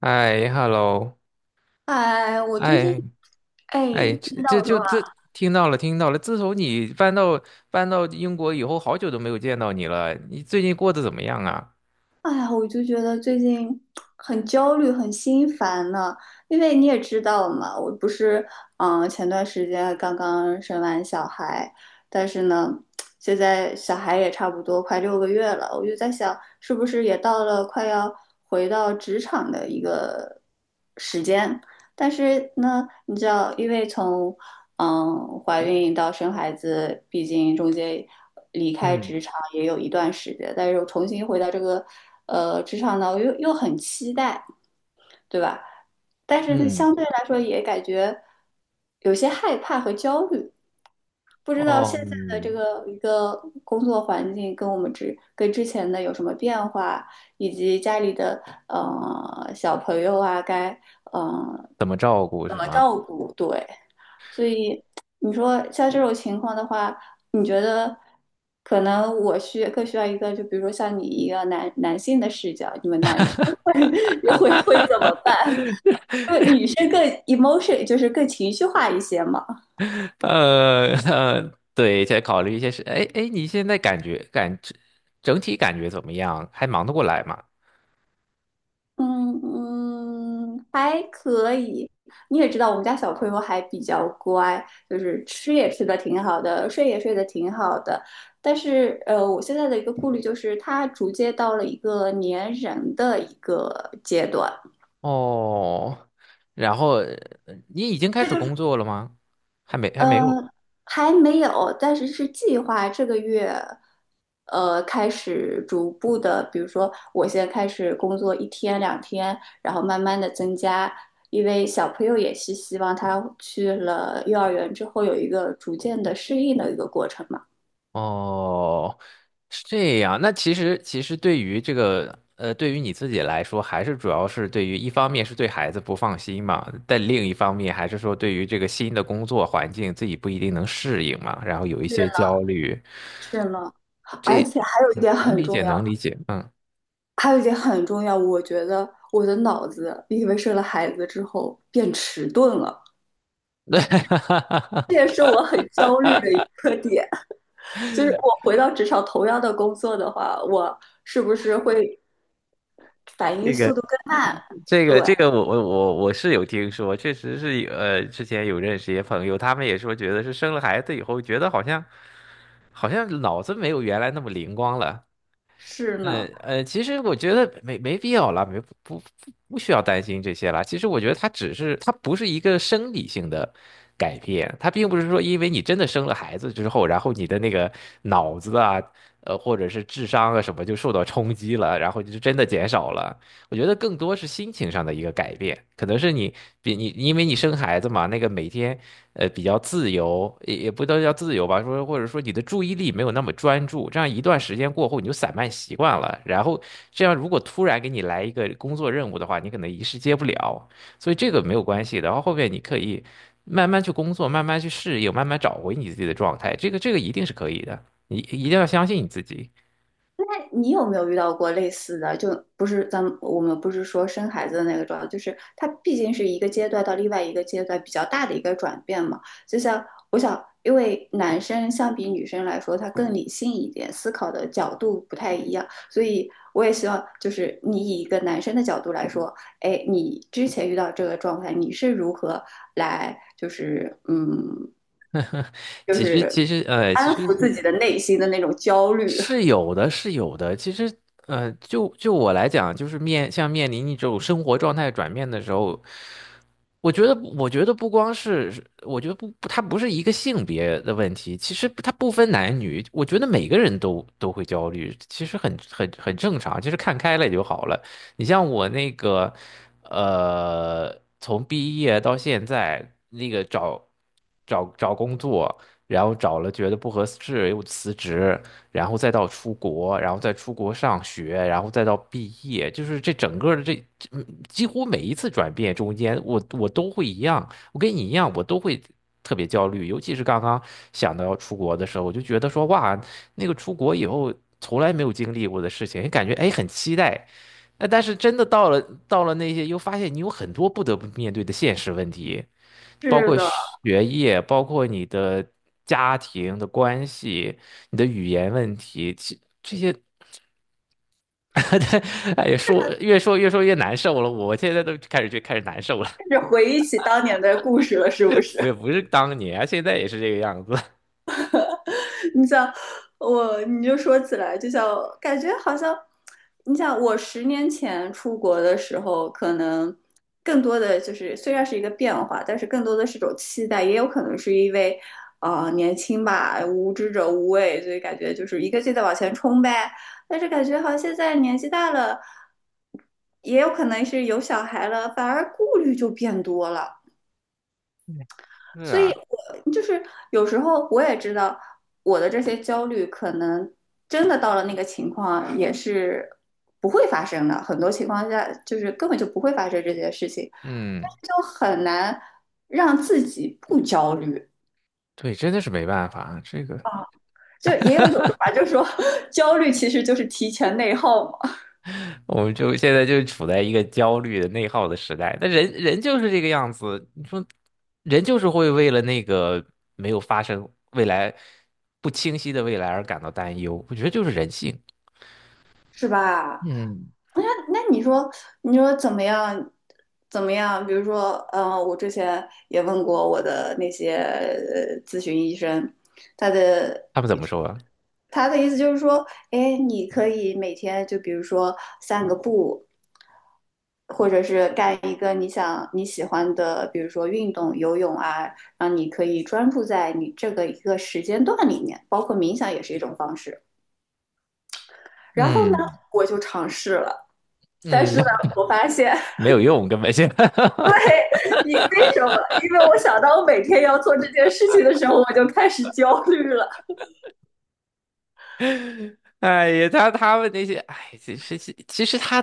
哎，hello，哎，我最近，哎哎，哎，这听到这我就说话。这听到了，听到了。自从你搬到英国以后，好久都没有见到你了。你最近过得怎么样啊？哎呀，我就觉得最近很焦虑，很心烦呢。因为你也知道嘛，我不是，前段时间刚刚生完小孩，但是呢，现在小孩也差不多快6个月了，我就在想，是不是也到了快要回到职场的一个时间？但是呢，你知道，因为从怀孕到生孩子，毕竟中间离开嗯职场也有一段时间，但是又重新回到这个职场呢，我又很期待，对吧？但是呢，嗯，相对来说也感觉有些害怕和焦虑，不知道哦，现在的这嗯个一个工作环境跟我们之跟之前的有什么变化，以及家里的小朋友啊，该嗯、呃、怎么照顾怎是么吗？照顾，对。所以你说像这种情况的话，你觉得可能我需要一个，就比如说像你一个男性的视角，你们男生会 会 怎么办？因为女生更 emotion，就是更情绪化一些嘛。对，再考虑一些事。哎哎，你现在感觉感整体感觉怎么样？还忙得过来吗？嗯嗯，还可以。你也知道，我们家小朋友还比较乖，就是吃也吃的挺好的，睡也睡得挺好的。但是，我现在的一个顾虑就是，他逐渐到了一个粘人的一个阶段。哦，然后你已经开这始就是。工作了吗？还没，还呃，没有。还没有，但是是计划这个月，开始逐步的，比如说我先开始工作一天两天，然后慢慢的增加，因为小朋友也是希望他去了幼儿园之后有一个逐渐的适应的一个过程嘛。哦，是这样。那其实，其实对于这个，对于你自己来说，还是主要是对于一方面是对孩子不放心嘛，但另一方面还是说对于这个新的工作环境自己不一定能适应嘛，然后有一些是焦虑，是呢，而这且还有一嗯点能很理重解，要，能理解，嗯。还有一点很重要，我觉得我的脑子因为生了孩子之后变迟钝了，这也是我很焦虑的一个点。就是我回到职场同样的工作的话，我是不是会反应这个速度更慢？这对，个这个我是有听说，确实是有之前有认识一些朋友，他们也说觉得是生了孩子以后，觉得好像好像脑子没有原来那么灵光了。是呢。其实我觉得没必要啦，没不需要担心这些啦。其实我觉得它只是它不是一个生理性的改变，它并不是说因为你真的生了孩子之后，然后你的那个脑子啊，或者是智商啊什么就受到冲击了，然后就真的减少了。我觉得更多是心情上的一个改变，可能是你因为你生孩子嘛，那个每天。呃比较自由，也也不都叫自由吧，说或者说你的注意力没有那么专注，这样一段时间过后你就散漫习惯了，然后这样如果突然给你来一个工作任务的话，你可能一时接不了，所以这个没有关系的，然后后面你可以慢慢去工作，慢慢去适应，慢慢找回你自己的状态，这个一定是可以的，你一定要相信你自己。你有没有遇到过类似的？就不是我们不是说生孩子的那个状态，就是它毕竟是一个阶段到另外一个阶段比较大的一个转变嘛。就像我想，因为男生相比女生来说，他更理性一点，思考的角度不太一样，所以我也希望就是你以一个男生的角度来说，哎，你之前遇到这个状态，你是如何来就是嗯，就是其安实抚自是。己的内心的那种焦虑？是 有的，是有的。其实，就我来讲，就是面临一种生活状态转变的时候，我觉得不光是，我觉得不，不它不是一个性别的问题，其实它不分男女，我觉得每个人都会焦虑，其实很正常，其实看开了就好了。你像我那个，从毕业到现在，那个找工作，然后找了觉得不合适又辞职，然后再到出国，然后再出国上学，然后再到毕业，就是这整个的这几乎每一次转变中间，我都会一样，我跟你一样，我都会。特别焦虑，尤其是刚刚想到要出国的时候，我就觉得说，哇，那个出国以后从来没有经历过的事情，感觉哎很期待，但是真的到了那些，又发现你有很多不得不面对的现实问题，包是括的，学业，包括你的家庭的关系，你的语言问题，其这些，哎呀，说越难受了。我现在都开始难受了，是回忆起当年的故事了，是不 是？我也不是当年啊现在也是这个样子。你想我，你就说起来，就像感觉好像，你想我10年前出国的时候，可能更多的就是虽然是一个变化，但是更多的是一种期待，也有可能是因为年轻吧，无知者无畏，所以感觉就是一个劲的往前冲呗。但是感觉好像现在年纪大了，也有可能是有小孩了，反而顾虑就变多了。是所以啊，我就是有时候我也知道我的这些焦虑，可能真的到了那个情况也是不会发生的，很多情况下就是根本就不会发生这些事情，嗯，但是就很难让自己不焦虑。对，真的是没办法啊，这个。就也有一种说法，就是说 焦虑其实就是提前内耗嘛。我们现在就处在一个焦虑的内耗的时代，那人人就是这个样子。你说，人就是会为了没有发生未来不清晰的未来而感到担忧。我觉得就是人性。是吧？嗯那那你说，你说怎么样？怎么样？比如说，我之前也问过我的那些咨询医生，他的他们怎么说啊他的意思就是说，哎，你可以每天就比如说散个步，或者是干一个你喜欢的，比如说运动、游泳啊，让你可以专注在你这个一个时间段里面，包括冥想也是一种方式。然后呢，嗯我就尝试了。但嗯，是呢，我发现 没有用，根本就。你为什么？因为我想到我每天要做这件事情的时候，我就开始焦虑了。哎呀，他他们那些，哎，其实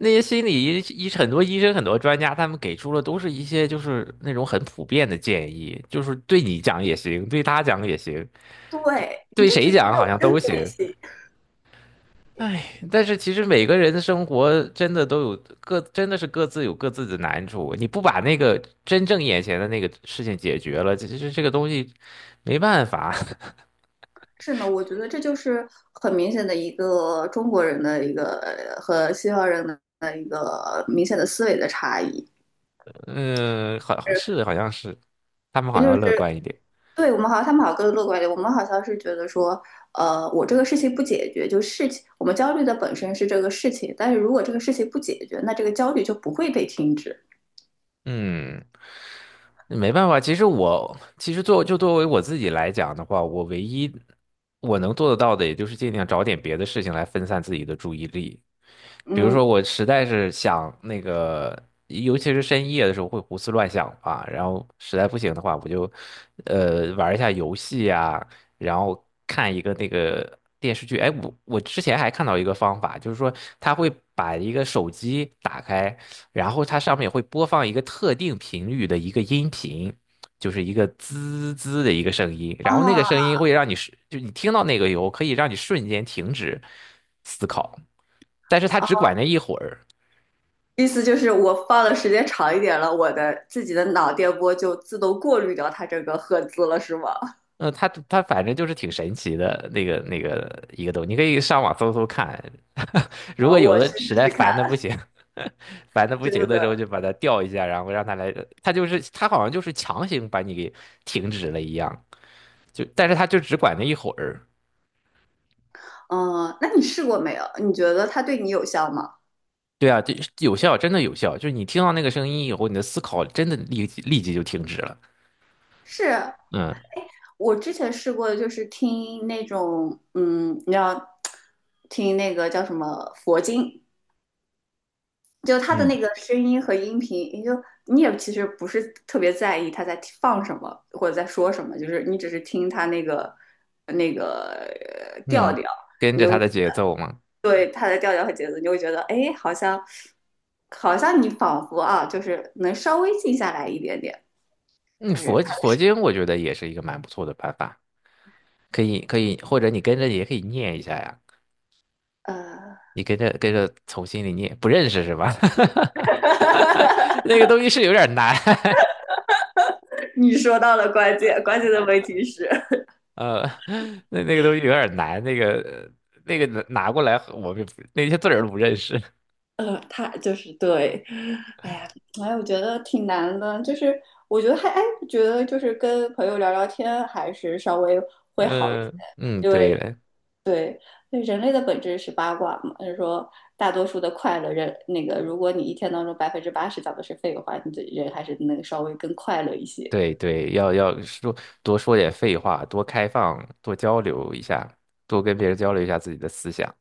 那些心理医医很多医生很多专家，他们给出了都是一些就是那种很普遍的建议，就是对你讲也行，对他讲也行。对，你对就谁觉得没讲有好像都针对行。性。哎，但是其实每个人的生活真的都有各，真的是各自有各自的难处。你不把那个真正眼前的那个事情解决了，其实这个东西没办法。是呢，我觉得这就是很明显的一个中国人的一个和西方人的一个明显的思维的差异。嗯，好，是好像是，他们好就像是乐观一点。对我们好像他们好像更乐观一点，我们好像是觉得说，我这个事情不解决，就事情我们焦虑的本身是这个事情，但是如果这个事情不解决，那这个焦虑就不会被停止。嗯，没办法，其实作为我自己来讲的话，我唯一我能做得到的，也就是尽量找点别的事情来分散自己的注意力。比如嗯说，我实在是想那个，尤其是深夜的时候会胡思乱想吧，然后实在不行的话，我就玩一下游戏啊，然后看一个那个电视剧。哎，我之前还看到一个方法，就是说他会把一个手机打开。然后它上面会播放一个特定频率的一个音频，就是一个滋滋的一个声音，啊，然后那个声音会让你是，就你听到那个以后可以让你瞬间停止思考，但是它只管那一会儿。意思就是我放的时间长一点了，我的自己的脑电波就自动过滤掉它这个赫兹了，是吗？嗯，它反正就是挺神奇的那个一个东西，你可以上网搜搜看。如啊，果有我的去实试在试看，烦的不行，烦的不真行的时候，的。就把它调一下，然后让它来，它好像就是强行把你给停止了一样，就但是它就只管那一会儿。嗯，那你试过没有？你觉得它对你有效吗？对啊，就有效，真的有效。就是你听到那个声音以后，你的思考真的立即就停止了。是嗯我之前试过的，就是听那种，嗯，你知道听那个叫什么佛经，就他的嗯那个声音和音频，你就你也其实不是特别在意他在放什么或者在说什么，就是你只是听他那个那个调嗯，调，跟你着就它的节奏嘛。对他的调调和节奏，你就会觉得哎，诶好像好像你仿佛啊，就是能稍微静下来一点点。嗯，但是佛他佛经我觉得也是一个蛮不错的办法，可以，或者你跟着也可以念一下呀。呃，你跟着从心里念，不认识是吧？那个东西是有点难，你说到了关键，关键的问题是，呃，那那个东西有点难，那个拿过来，我们也不那些字儿都不认识。他就是对，哎呀，哎，我觉得挺难的，就是我觉得我觉得就是跟朋友聊聊天还是稍微会好一些，嗯嗯，因对为了。对，人类的本质是八卦嘛，就是说大多数的快乐人，那个如果你一天当中80%讲的是废话，你的人还是能稍微更快乐一些。对对，要说多说点废话，多开放，多交流一下，多跟别人交流一下自己的思想。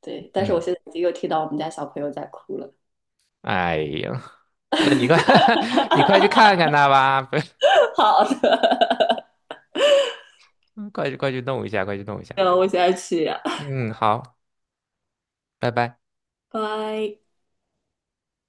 对，但是我嗯，现在已经又听到我们家小朋友在哭了。哎呀，那你快 你快去看看他吧，好的，快去弄一下，快去弄一下。那我现在去呀，嗯，好，拜拜。拜。